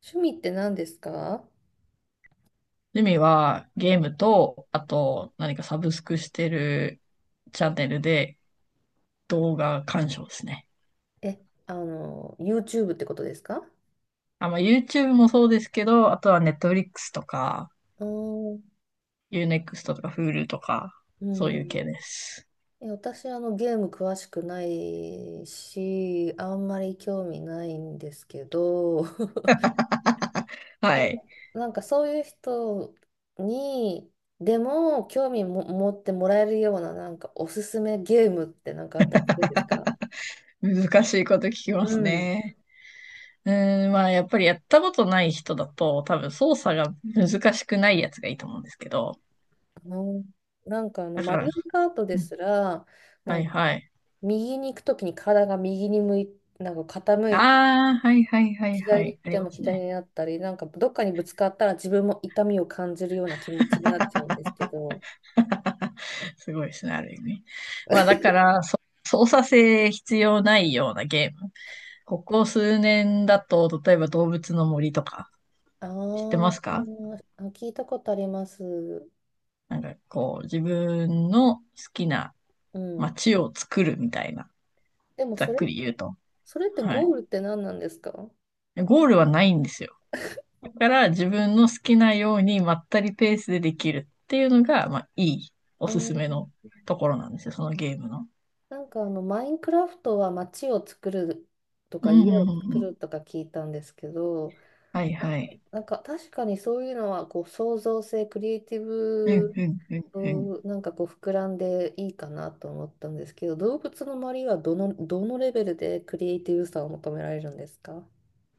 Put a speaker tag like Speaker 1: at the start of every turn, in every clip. Speaker 1: 趣味って何ですか？
Speaker 2: 趣味はゲームと、あと何かサブスクしてるチャンネルで動画鑑賞ですね。
Speaker 1: え、あの、YouTube ってことですか？
Speaker 2: あ、まあ YouTube もそうですけど、あとは Netflix とか、
Speaker 1: うーん。
Speaker 2: Unext とか Hulu とか、
Speaker 1: う
Speaker 2: そういう
Speaker 1: ん。
Speaker 2: 系です。
Speaker 1: え、私、あの、ゲーム詳しくないし、あんまり興味ないんですけど、
Speaker 2: はい。
Speaker 1: なんかそういう人に、でも興味も持ってもらえるような、なんかおすすめゲームってあったりするんですか？
Speaker 2: 難しいこと聞きま
Speaker 1: う
Speaker 2: す
Speaker 1: ん。
Speaker 2: ね。まあやっぱりやったことない人だと、多分操作が難しくないやつがいいと思うんですけど。
Speaker 1: うん。
Speaker 2: だ
Speaker 1: マ
Speaker 2: から、
Speaker 1: リオカートで
Speaker 2: うん、
Speaker 1: すら、
Speaker 2: は
Speaker 1: なん
Speaker 2: い
Speaker 1: か
Speaker 2: はい。
Speaker 1: 右に行くときに体が右に向い、なんか傾いて、
Speaker 2: ああ、はいはいはいは
Speaker 1: 左に行
Speaker 2: い。
Speaker 1: っ
Speaker 2: あり
Speaker 1: ても
Speaker 2: ます
Speaker 1: 左
Speaker 2: ね。
Speaker 1: になったり、なんかどっかにぶつかったら自分も痛みを感じるような気持ちになっちゃうんですけど。
Speaker 2: すごいですね、ある意味。まあだか ら、操作性必要ないようなゲーム。ここ数年だと、例えば動物の森とか、
Speaker 1: あ
Speaker 2: 知ってますか？
Speaker 1: ーあ、聞いたことあります。
Speaker 2: なんかこう、自分の好きな
Speaker 1: うん。
Speaker 2: 街を作るみたいな、
Speaker 1: でも
Speaker 2: ざ
Speaker 1: そ
Speaker 2: っ
Speaker 1: れ、
Speaker 2: くり言うと。
Speaker 1: それって
Speaker 2: は
Speaker 1: ゴ
Speaker 2: い。
Speaker 1: ールって何なんですか？
Speaker 2: ゴールはないんですよ。だから自分の好きなようにまったりペースでできるっていうのが、まあいいお
Speaker 1: あ
Speaker 2: すすめの
Speaker 1: ー、
Speaker 2: ところなんですよ、そのゲームの。
Speaker 1: マインクラフトは街を作ると
Speaker 2: う
Speaker 1: か
Speaker 2: ん、
Speaker 1: 家
Speaker 2: う
Speaker 1: を
Speaker 2: ん、う
Speaker 1: 作
Speaker 2: ん。うん、
Speaker 1: るとか聞いたんですけど、
Speaker 2: はい、
Speaker 1: な、
Speaker 2: はい。
Speaker 1: なんか確かにそういうのはこう創造性、クリエイティ
Speaker 2: うん、
Speaker 1: ブ、
Speaker 2: うん、うん、うん。
Speaker 1: そうなんかこう膨らんでいいかなと思ったんですけど、動物の周りはどの、どのレベルでクリエイティブさを求められるんですか？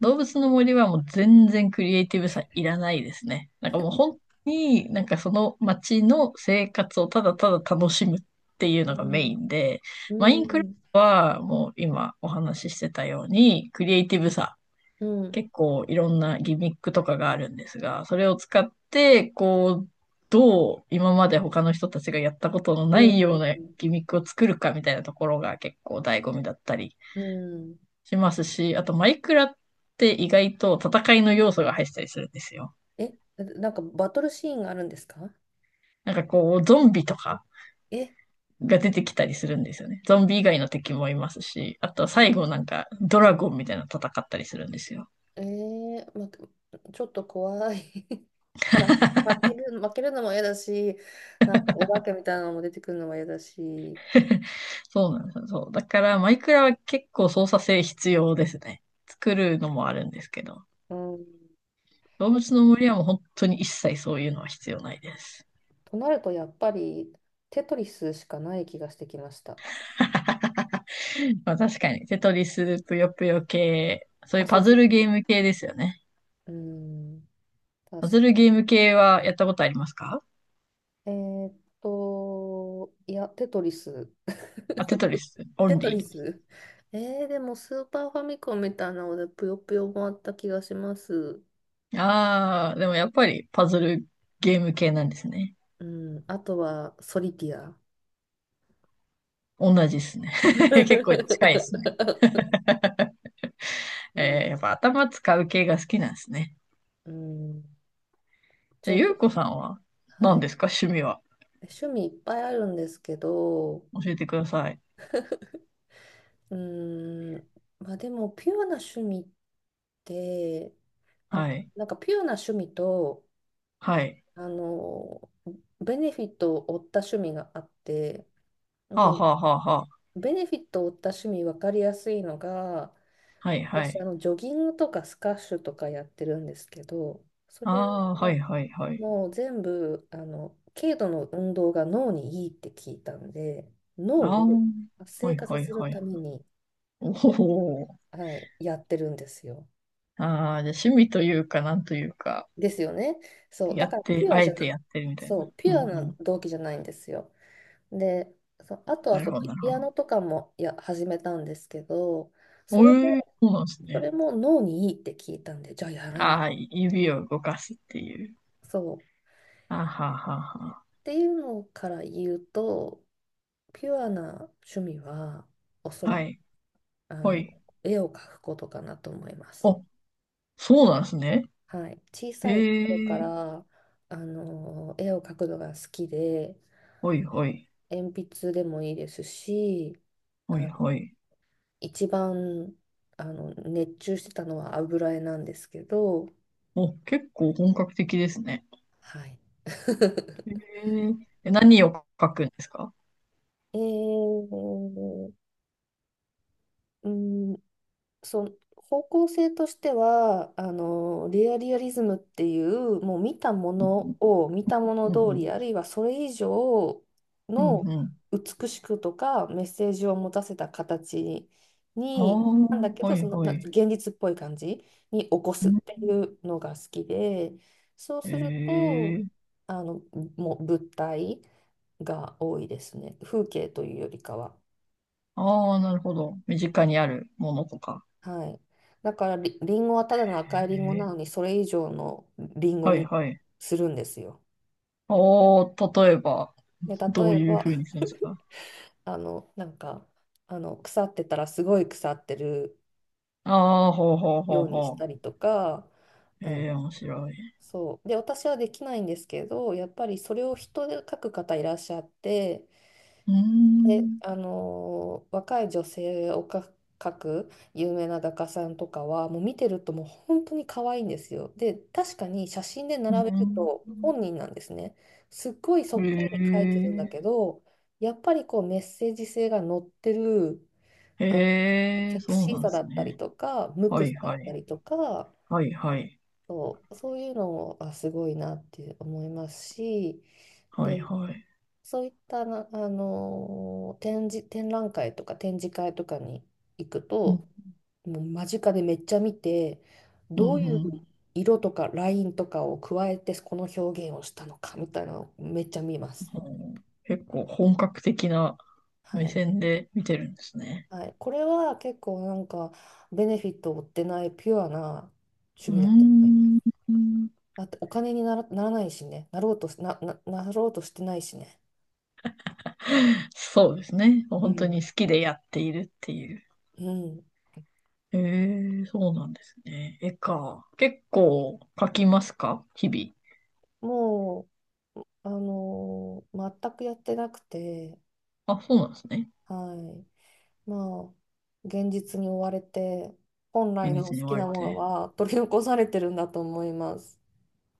Speaker 2: 動物の森はもう全然クリエイティブさいらないですね。もう本当にその街の生活をただただ楽しむっていう
Speaker 1: う
Speaker 2: のがメイ
Speaker 1: ん、
Speaker 2: ンで、
Speaker 1: う
Speaker 2: マインクラフ
Speaker 1: ん、
Speaker 2: トはもう今お話ししてたようにクリエイティブさ、
Speaker 1: うん、
Speaker 2: 結構いろんなギミックとかがあるんですが、それを使ってこう、どう今まで他の人たちがやったことの
Speaker 1: う
Speaker 2: ないよう
Speaker 1: ん、
Speaker 2: なギミックを作るかみたいなところが結構醍醐味だったり
Speaker 1: うん。
Speaker 2: しますし、あとマイクラって意外と戦いの要素が入ったりするんですよ。
Speaker 1: え、なんかバトルシーンがあるんですか？
Speaker 2: なんかこう、ゾンビとか
Speaker 1: え、
Speaker 2: が出てきたりするんですよね。ゾンビ以外の敵もいますし、あとは
Speaker 1: う
Speaker 2: 最
Speaker 1: ん。
Speaker 2: 後なんかドラゴンみたいなの戦ったりするんですよ。
Speaker 1: えー、ま、ちょっと怖い。 まあ、負ける、負けるのも嫌だし、なんかお化けみたいなのも出てくるのも嫌だし。
Speaker 2: そうなんですよ。そう。だからマイクラは結構操作性必要ですね。作るのもあるんですけど。
Speaker 1: うん。
Speaker 2: 動物の森はもう本当に一切そういうのは必要ないです。
Speaker 1: となると、やっぱりテトリスしかない気がしてきました。
Speaker 2: まあ確かに、テトリス、ぷよぷよ系、そう
Speaker 1: あ、
Speaker 2: いう
Speaker 1: そ
Speaker 2: パ
Speaker 1: う
Speaker 2: ズ
Speaker 1: そ
Speaker 2: ルゲーム系ですよね。
Speaker 1: う。うん、確
Speaker 2: パズル
Speaker 1: か。
Speaker 2: ゲーム系はやったことありますか？
Speaker 1: えーっいや、テトリス。
Speaker 2: あ、テトリス、オ
Speaker 1: テ
Speaker 2: ン
Speaker 1: トリ
Speaker 2: リ
Speaker 1: ス。えー、でもスーパーファミコンみたいなので、ぷよぷよもあった気がします。
Speaker 2: ー。ああ、でもやっぱりパズルゲーム系なんですね。
Speaker 1: うん、あとは、ソリティア。
Speaker 2: 同じですね。結構近いですね。
Speaker 1: うん、
Speaker 2: やっぱ頭使う系が好きなんですね。
Speaker 1: うん、ちょ
Speaker 2: で
Speaker 1: っ
Speaker 2: ゆう
Speaker 1: と、
Speaker 2: こさんは
Speaker 1: は
Speaker 2: 何
Speaker 1: い。
Speaker 2: ですか趣味は。
Speaker 1: 趣味いっぱいあるんですけど、
Speaker 2: 教えてください。
Speaker 1: うーん、まあでも、ピュアな趣味って、あ、
Speaker 2: はい。
Speaker 1: なんかピュアな趣味と、
Speaker 2: はい。
Speaker 1: あの、ベネフィットを負った趣味があって、
Speaker 2: はあ
Speaker 1: で、
Speaker 2: はあはあはあ。
Speaker 1: ベネフィットを負った趣味分かりやすいのが、
Speaker 2: はいは
Speaker 1: 私、
Speaker 2: い。
Speaker 1: ジョギングとかスカッシュとかやってるんですけど、それ
Speaker 2: ああ、は
Speaker 1: は
Speaker 2: いはいはい。
Speaker 1: もう全部、軽度の運動が脳にいいって聞いたんで、脳
Speaker 2: あ
Speaker 1: を
Speaker 2: あ、
Speaker 1: 活
Speaker 2: は
Speaker 1: 性
Speaker 2: い
Speaker 1: 化さ
Speaker 2: はい
Speaker 1: せる
Speaker 2: はい。
Speaker 1: ために、
Speaker 2: おお。
Speaker 1: はい、やってるんですよ。
Speaker 2: ああ、じゃあ趣味というか、なんというか。
Speaker 1: ですよね。そう、だ
Speaker 2: や
Speaker 1: か
Speaker 2: っ
Speaker 1: ら
Speaker 2: て、
Speaker 1: ピュア
Speaker 2: あ
Speaker 1: じ
Speaker 2: え
Speaker 1: ゃ
Speaker 2: て
Speaker 1: な、
Speaker 2: やってるみたい
Speaker 1: そ
Speaker 2: な。
Speaker 1: う、
Speaker 2: う
Speaker 1: ピ
Speaker 2: ん
Speaker 1: ュ
Speaker 2: う
Speaker 1: アな
Speaker 2: ん。
Speaker 1: 動機じゃないんですよ。で、そう、あとは
Speaker 2: なる
Speaker 1: そ
Speaker 2: ほ
Speaker 1: う、
Speaker 2: ど、なる
Speaker 1: ピ
Speaker 2: ほ
Speaker 1: ア
Speaker 2: ど。
Speaker 1: ノとかもや始めたんですけど、そ
Speaker 2: お
Speaker 1: れ
Speaker 2: えー、
Speaker 1: も、
Speaker 2: そうなんです
Speaker 1: そ
Speaker 2: ね。
Speaker 1: れも脳にいいって聞いたんで、じゃあやらない。
Speaker 2: ああ、指を動かすっていう。
Speaker 1: そう。
Speaker 2: あはははは。
Speaker 1: っていうのから言うと、ピュアな趣味は、おそら
Speaker 2: は
Speaker 1: く、
Speaker 2: い、
Speaker 1: あ
Speaker 2: ほ
Speaker 1: の、
Speaker 2: い。
Speaker 1: 絵を描くことかなと思います。
Speaker 2: お、そうなんですね。
Speaker 1: はい。小さい頃
Speaker 2: え
Speaker 1: か
Speaker 2: え、
Speaker 1: ら、絵を描くのが好きで、
Speaker 2: ほいほい、
Speaker 1: 鉛筆でもいいですし、
Speaker 2: ほい
Speaker 1: あ、
Speaker 2: ほい。
Speaker 1: 一番熱中してたのは油絵なんですけど、
Speaker 2: お、結構本格的ですね。
Speaker 1: はい。
Speaker 2: え ー、え何を書くんですか？
Speaker 1: えー、うん。そう、方向性としては、レアリアリズムっていう、もう見たも
Speaker 2: うん
Speaker 1: のを見たもの
Speaker 2: うん、うん
Speaker 1: 通
Speaker 2: うん。
Speaker 1: り、あるいはそれ以上
Speaker 2: うん
Speaker 1: の
Speaker 2: うん。
Speaker 1: 美しくとかメッセージを持たせた形
Speaker 2: ああ
Speaker 1: に、なんだ
Speaker 2: ー、
Speaker 1: け
Speaker 2: は
Speaker 1: ど、
Speaker 2: い
Speaker 1: その、
Speaker 2: は
Speaker 1: な
Speaker 2: い。
Speaker 1: 現実っぽい感じに起こ
Speaker 2: う
Speaker 1: すっ
Speaker 2: ん、
Speaker 1: ていうのが好きで、そうすると、
Speaker 2: ええ、
Speaker 1: あの、もう物体が多いですね。風景というよりかは。
Speaker 2: ああ、なるほど。身近にあるものとか。
Speaker 1: はい。だからリ、リンゴはただの赤い
Speaker 2: え
Speaker 1: リンゴな
Speaker 2: え、
Speaker 1: のに、それ以上のリンゴ
Speaker 2: はい
Speaker 1: に
Speaker 2: はい。
Speaker 1: するんですよ。
Speaker 2: おー、例えば、
Speaker 1: で、
Speaker 2: ど
Speaker 1: 例
Speaker 2: う
Speaker 1: え
Speaker 2: いう
Speaker 1: ば、
Speaker 2: 風にするんですか？
Speaker 1: あの、なんか、腐ってたらすごい腐ってる
Speaker 2: ああー、ほうほうほ
Speaker 1: よ
Speaker 2: う
Speaker 1: うにし
Speaker 2: ほ
Speaker 1: たりとか、
Speaker 2: う。
Speaker 1: あ
Speaker 2: え
Speaker 1: の、
Speaker 2: え、面白い。
Speaker 1: そう。で、私はできないんですけど、やっぱりそれを人で書く方いらっしゃって、
Speaker 2: うー
Speaker 1: で、
Speaker 2: ん、
Speaker 1: 若い女性をか描く有名な画家さんとかはもう見てるともう本当に可愛いんですよ。で確かに写真で
Speaker 2: うー
Speaker 1: 並べると
Speaker 2: ん。
Speaker 1: 本人なんですね。すっごいそっくりに描いてるんだけ
Speaker 2: へ
Speaker 1: ど、やっぱりこうメッセージ性が乗ってる、
Speaker 2: え、
Speaker 1: あ、
Speaker 2: へえ、
Speaker 1: セク
Speaker 2: そう
Speaker 1: シー
Speaker 2: なんで
Speaker 1: さだ
Speaker 2: す
Speaker 1: ったり
Speaker 2: ね。
Speaker 1: とか無
Speaker 2: は
Speaker 1: 垢
Speaker 2: い
Speaker 1: さだっ
Speaker 2: は
Speaker 1: た
Speaker 2: い。
Speaker 1: りとか、
Speaker 2: はいはい。
Speaker 1: そう、そういうのもあ、すごいなって思いますし。
Speaker 2: はい
Speaker 1: で、
Speaker 2: はい。
Speaker 1: そういったな、展示、展覧会とか展示会とかに行く
Speaker 2: うん、
Speaker 1: と、もう間近でめっちゃ見て、
Speaker 2: う
Speaker 1: どう
Speaker 2: ん、
Speaker 1: いう
Speaker 2: うん。
Speaker 1: 色とかラインとかを加えてこの表現をしたのかみたいなのをめっちゃ見ます。
Speaker 2: ほう、結構本格的な
Speaker 1: は
Speaker 2: 目
Speaker 1: い。
Speaker 2: 線で見てるんですね。
Speaker 1: はい。これは結構なんかベネフィットを負ってないピュアな趣
Speaker 2: う
Speaker 1: 味だと思います。
Speaker 2: ーん。
Speaker 1: だってお金になら、ならないしね。なろうとし、なろうとしてないしね。
Speaker 2: そうですね。
Speaker 1: う
Speaker 2: 本当
Speaker 1: ん。
Speaker 2: に好きでやっているっていう。
Speaker 1: うん。
Speaker 2: ええ、そうなんですね。絵か。結構描きますか日々。
Speaker 1: もう全くやってなくて、
Speaker 2: あ、そうなんですね。
Speaker 1: はい。まあ、現実に追われて、本
Speaker 2: ベ
Speaker 1: 来
Speaker 2: ネ
Speaker 1: の
Speaker 2: ツ
Speaker 1: 好
Speaker 2: に追
Speaker 1: き
Speaker 2: わ
Speaker 1: な
Speaker 2: れ
Speaker 1: もの
Speaker 2: て。
Speaker 1: は取り残されてるんだと思います。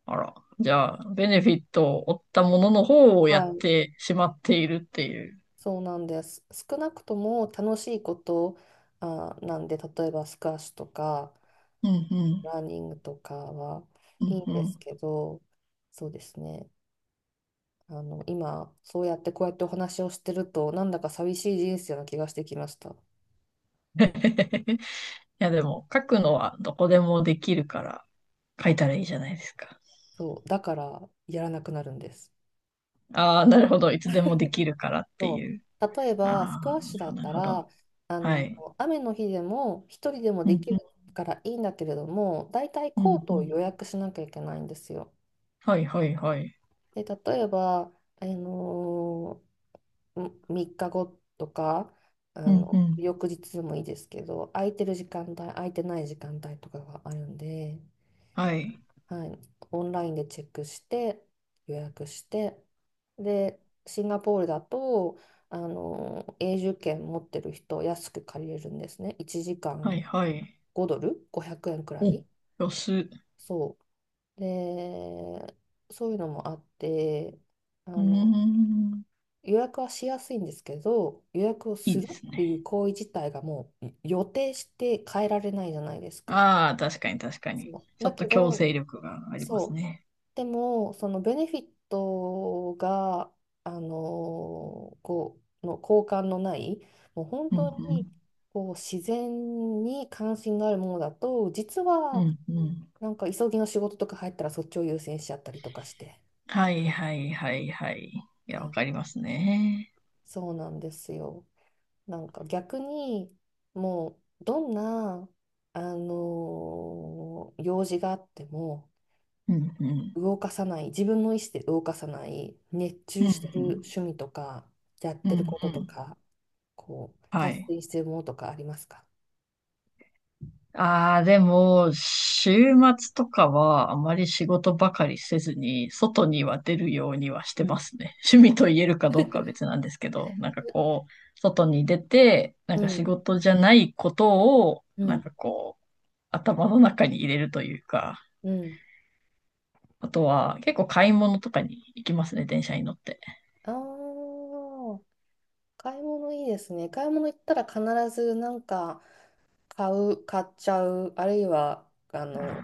Speaker 2: あら。じゃあ、ベネフィットを負ったものの方をや
Speaker 1: は
Speaker 2: っ
Speaker 1: い。
Speaker 2: てしまっているっていう。
Speaker 1: そうなんです。少なくとも楽しいこと、あ、なんで、例えばスカッシュとか、
Speaker 2: うんうん。
Speaker 1: ラーニングとかは
Speaker 2: う
Speaker 1: いい
Speaker 2: ん
Speaker 1: んで
Speaker 2: う
Speaker 1: す
Speaker 2: ん。
Speaker 1: けど、そうですね。今、そうやってこうやってお話をしてると、なんだか寂しい人生な気がしてきました。
Speaker 2: いや、でも、書くのはどこでもできるから、書いたらいいじゃないですか。
Speaker 1: そう、だからやらなくなるんです。
Speaker 2: ああ、なるほど。いつでもできるからって
Speaker 1: そう。
Speaker 2: いう。
Speaker 1: 例えば、ス
Speaker 2: あ
Speaker 1: クワ
Speaker 2: あ、
Speaker 1: ッ
Speaker 2: な
Speaker 1: シュ
Speaker 2: る
Speaker 1: だ
Speaker 2: ほど、
Speaker 1: っ
Speaker 2: な
Speaker 1: た
Speaker 2: るほど。
Speaker 1: ら、あ
Speaker 2: は
Speaker 1: の、
Speaker 2: い。
Speaker 1: 雨の日でも一人でも
Speaker 2: うん
Speaker 1: できる
Speaker 2: うん
Speaker 1: からいいんだけれども、だいたい
Speaker 2: うん
Speaker 1: コー
Speaker 2: う
Speaker 1: トを予
Speaker 2: ん。
Speaker 1: 約しなきゃいけないんですよ。
Speaker 2: はいはいはい。
Speaker 1: で、例えば、あの3日後とか、
Speaker 2: うんうん。
Speaker 1: 翌日でもいいですけど、空いてる時間帯、空いてない時間帯とかがあるんで、
Speaker 2: はい。
Speaker 1: はい、オンラインでチェックして予約して、でシンガポールだと永住権持ってる人安く借りれるんですね。1時
Speaker 2: はい
Speaker 1: 間
Speaker 2: はい。
Speaker 1: 5ドル、500円くえんくら
Speaker 2: お、ん、
Speaker 1: い。
Speaker 2: 安。う
Speaker 1: そうで、そういうのもあって、あ
Speaker 2: ー
Speaker 1: の
Speaker 2: ん。
Speaker 1: 予約はしやすいんですけど、予約を
Speaker 2: い
Speaker 1: す
Speaker 2: い
Speaker 1: る
Speaker 2: で
Speaker 1: っ
Speaker 2: す
Speaker 1: て
Speaker 2: ね。
Speaker 1: いう行為自体がもう予定して変えられないじゃないですか。
Speaker 2: ああ、確かに確かに。
Speaker 1: そう
Speaker 2: ちょ
Speaker 1: だ
Speaker 2: っ
Speaker 1: け
Speaker 2: と強
Speaker 1: ど、
Speaker 2: 制力がありま
Speaker 1: そ
Speaker 2: す
Speaker 1: う
Speaker 2: ね。
Speaker 1: でも、そのベネフィットが、あのこう、の交換のない、もう本
Speaker 2: う
Speaker 1: 当に
Speaker 2: ん
Speaker 1: こう自然に関心があるものだと、実
Speaker 2: う
Speaker 1: は
Speaker 2: ん。うんうん。
Speaker 1: なんか急ぎの仕事とか入ったらそっちを優先しちゃったりとかして、
Speaker 2: はいはいはいはい。いや、
Speaker 1: は
Speaker 2: わ
Speaker 1: い、
Speaker 2: かりますね。
Speaker 1: そうなんですよ。なんか逆に、もうどんな、用事があっても、
Speaker 2: うんうん。
Speaker 1: 動かさない、自分の意思で動かさない、熱
Speaker 2: うん
Speaker 1: 中
Speaker 2: う
Speaker 1: してる
Speaker 2: ん。
Speaker 1: 趣味とか、やっ
Speaker 2: う
Speaker 1: てるこ
Speaker 2: んう
Speaker 1: とと
Speaker 2: ん。
Speaker 1: か、こう、
Speaker 2: は
Speaker 1: 大
Speaker 2: い。
Speaker 1: 切にしてるものとかありますか？
Speaker 2: ああ、でも、週末とかはあまり仕事ばかりせずに、外には出るようにはして
Speaker 1: う
Speaker 2: ま
Speaker 1: ん。
Speaker 2: すね。趣味と言えるかどうかは別なんですけど、なんかこう、外に出て、な
Speaker 1: う
Speaker 2: んか仕
Speaker 1: ん、
Speaker 2: 事じゃないことを、
Speaker 1: う
Speaker 2: なん
Speaker 1: ん、
Speaker 2: かこう、頭の中に入れるというか、
Speaker 1: うん。
Speaker 2: あとは結構買い物とかに行きますね、電車に乗って。
Speaker 1: ああ、買い物いいですね。買い物行ったら必ずなんか買う、買っちゃう、あるいは、
Speaker 2: あ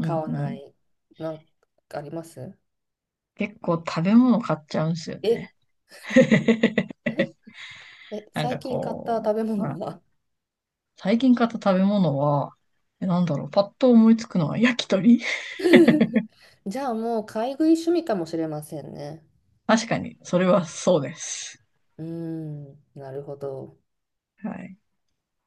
Speaker 2: ーう
Speaker 1: 買
Speaker 2: ん
Speaker 1: わ
Speaker 2: う
Speaker 1: な
Speaker 2: ん、
Speaker 1: い、なんかあります？
Speaker 2: 結構食べ物買っちゃうんですよ
Speaker 1: え、
Speaker 2: ね。
Speaker 1: え、え、
Speaker 2: なん
Speaker 1: 最
Speaker 2: か
Speaker 1: 近買った
Speaker 2: こ
Speaker 1: 食べ
Speaker 2: う、
Speaker 1: 物は？
Speaker 2: 最近買った食べ物は、なんだろう、パッと思いつくのは焼き鳥
Speaker 1: じゃあもう買い食い趣味かもしれませんね。
Speaker 2: 確かに、それはそうです。
Speaker 1: うーん、なるほど。
Speaker 2: はい。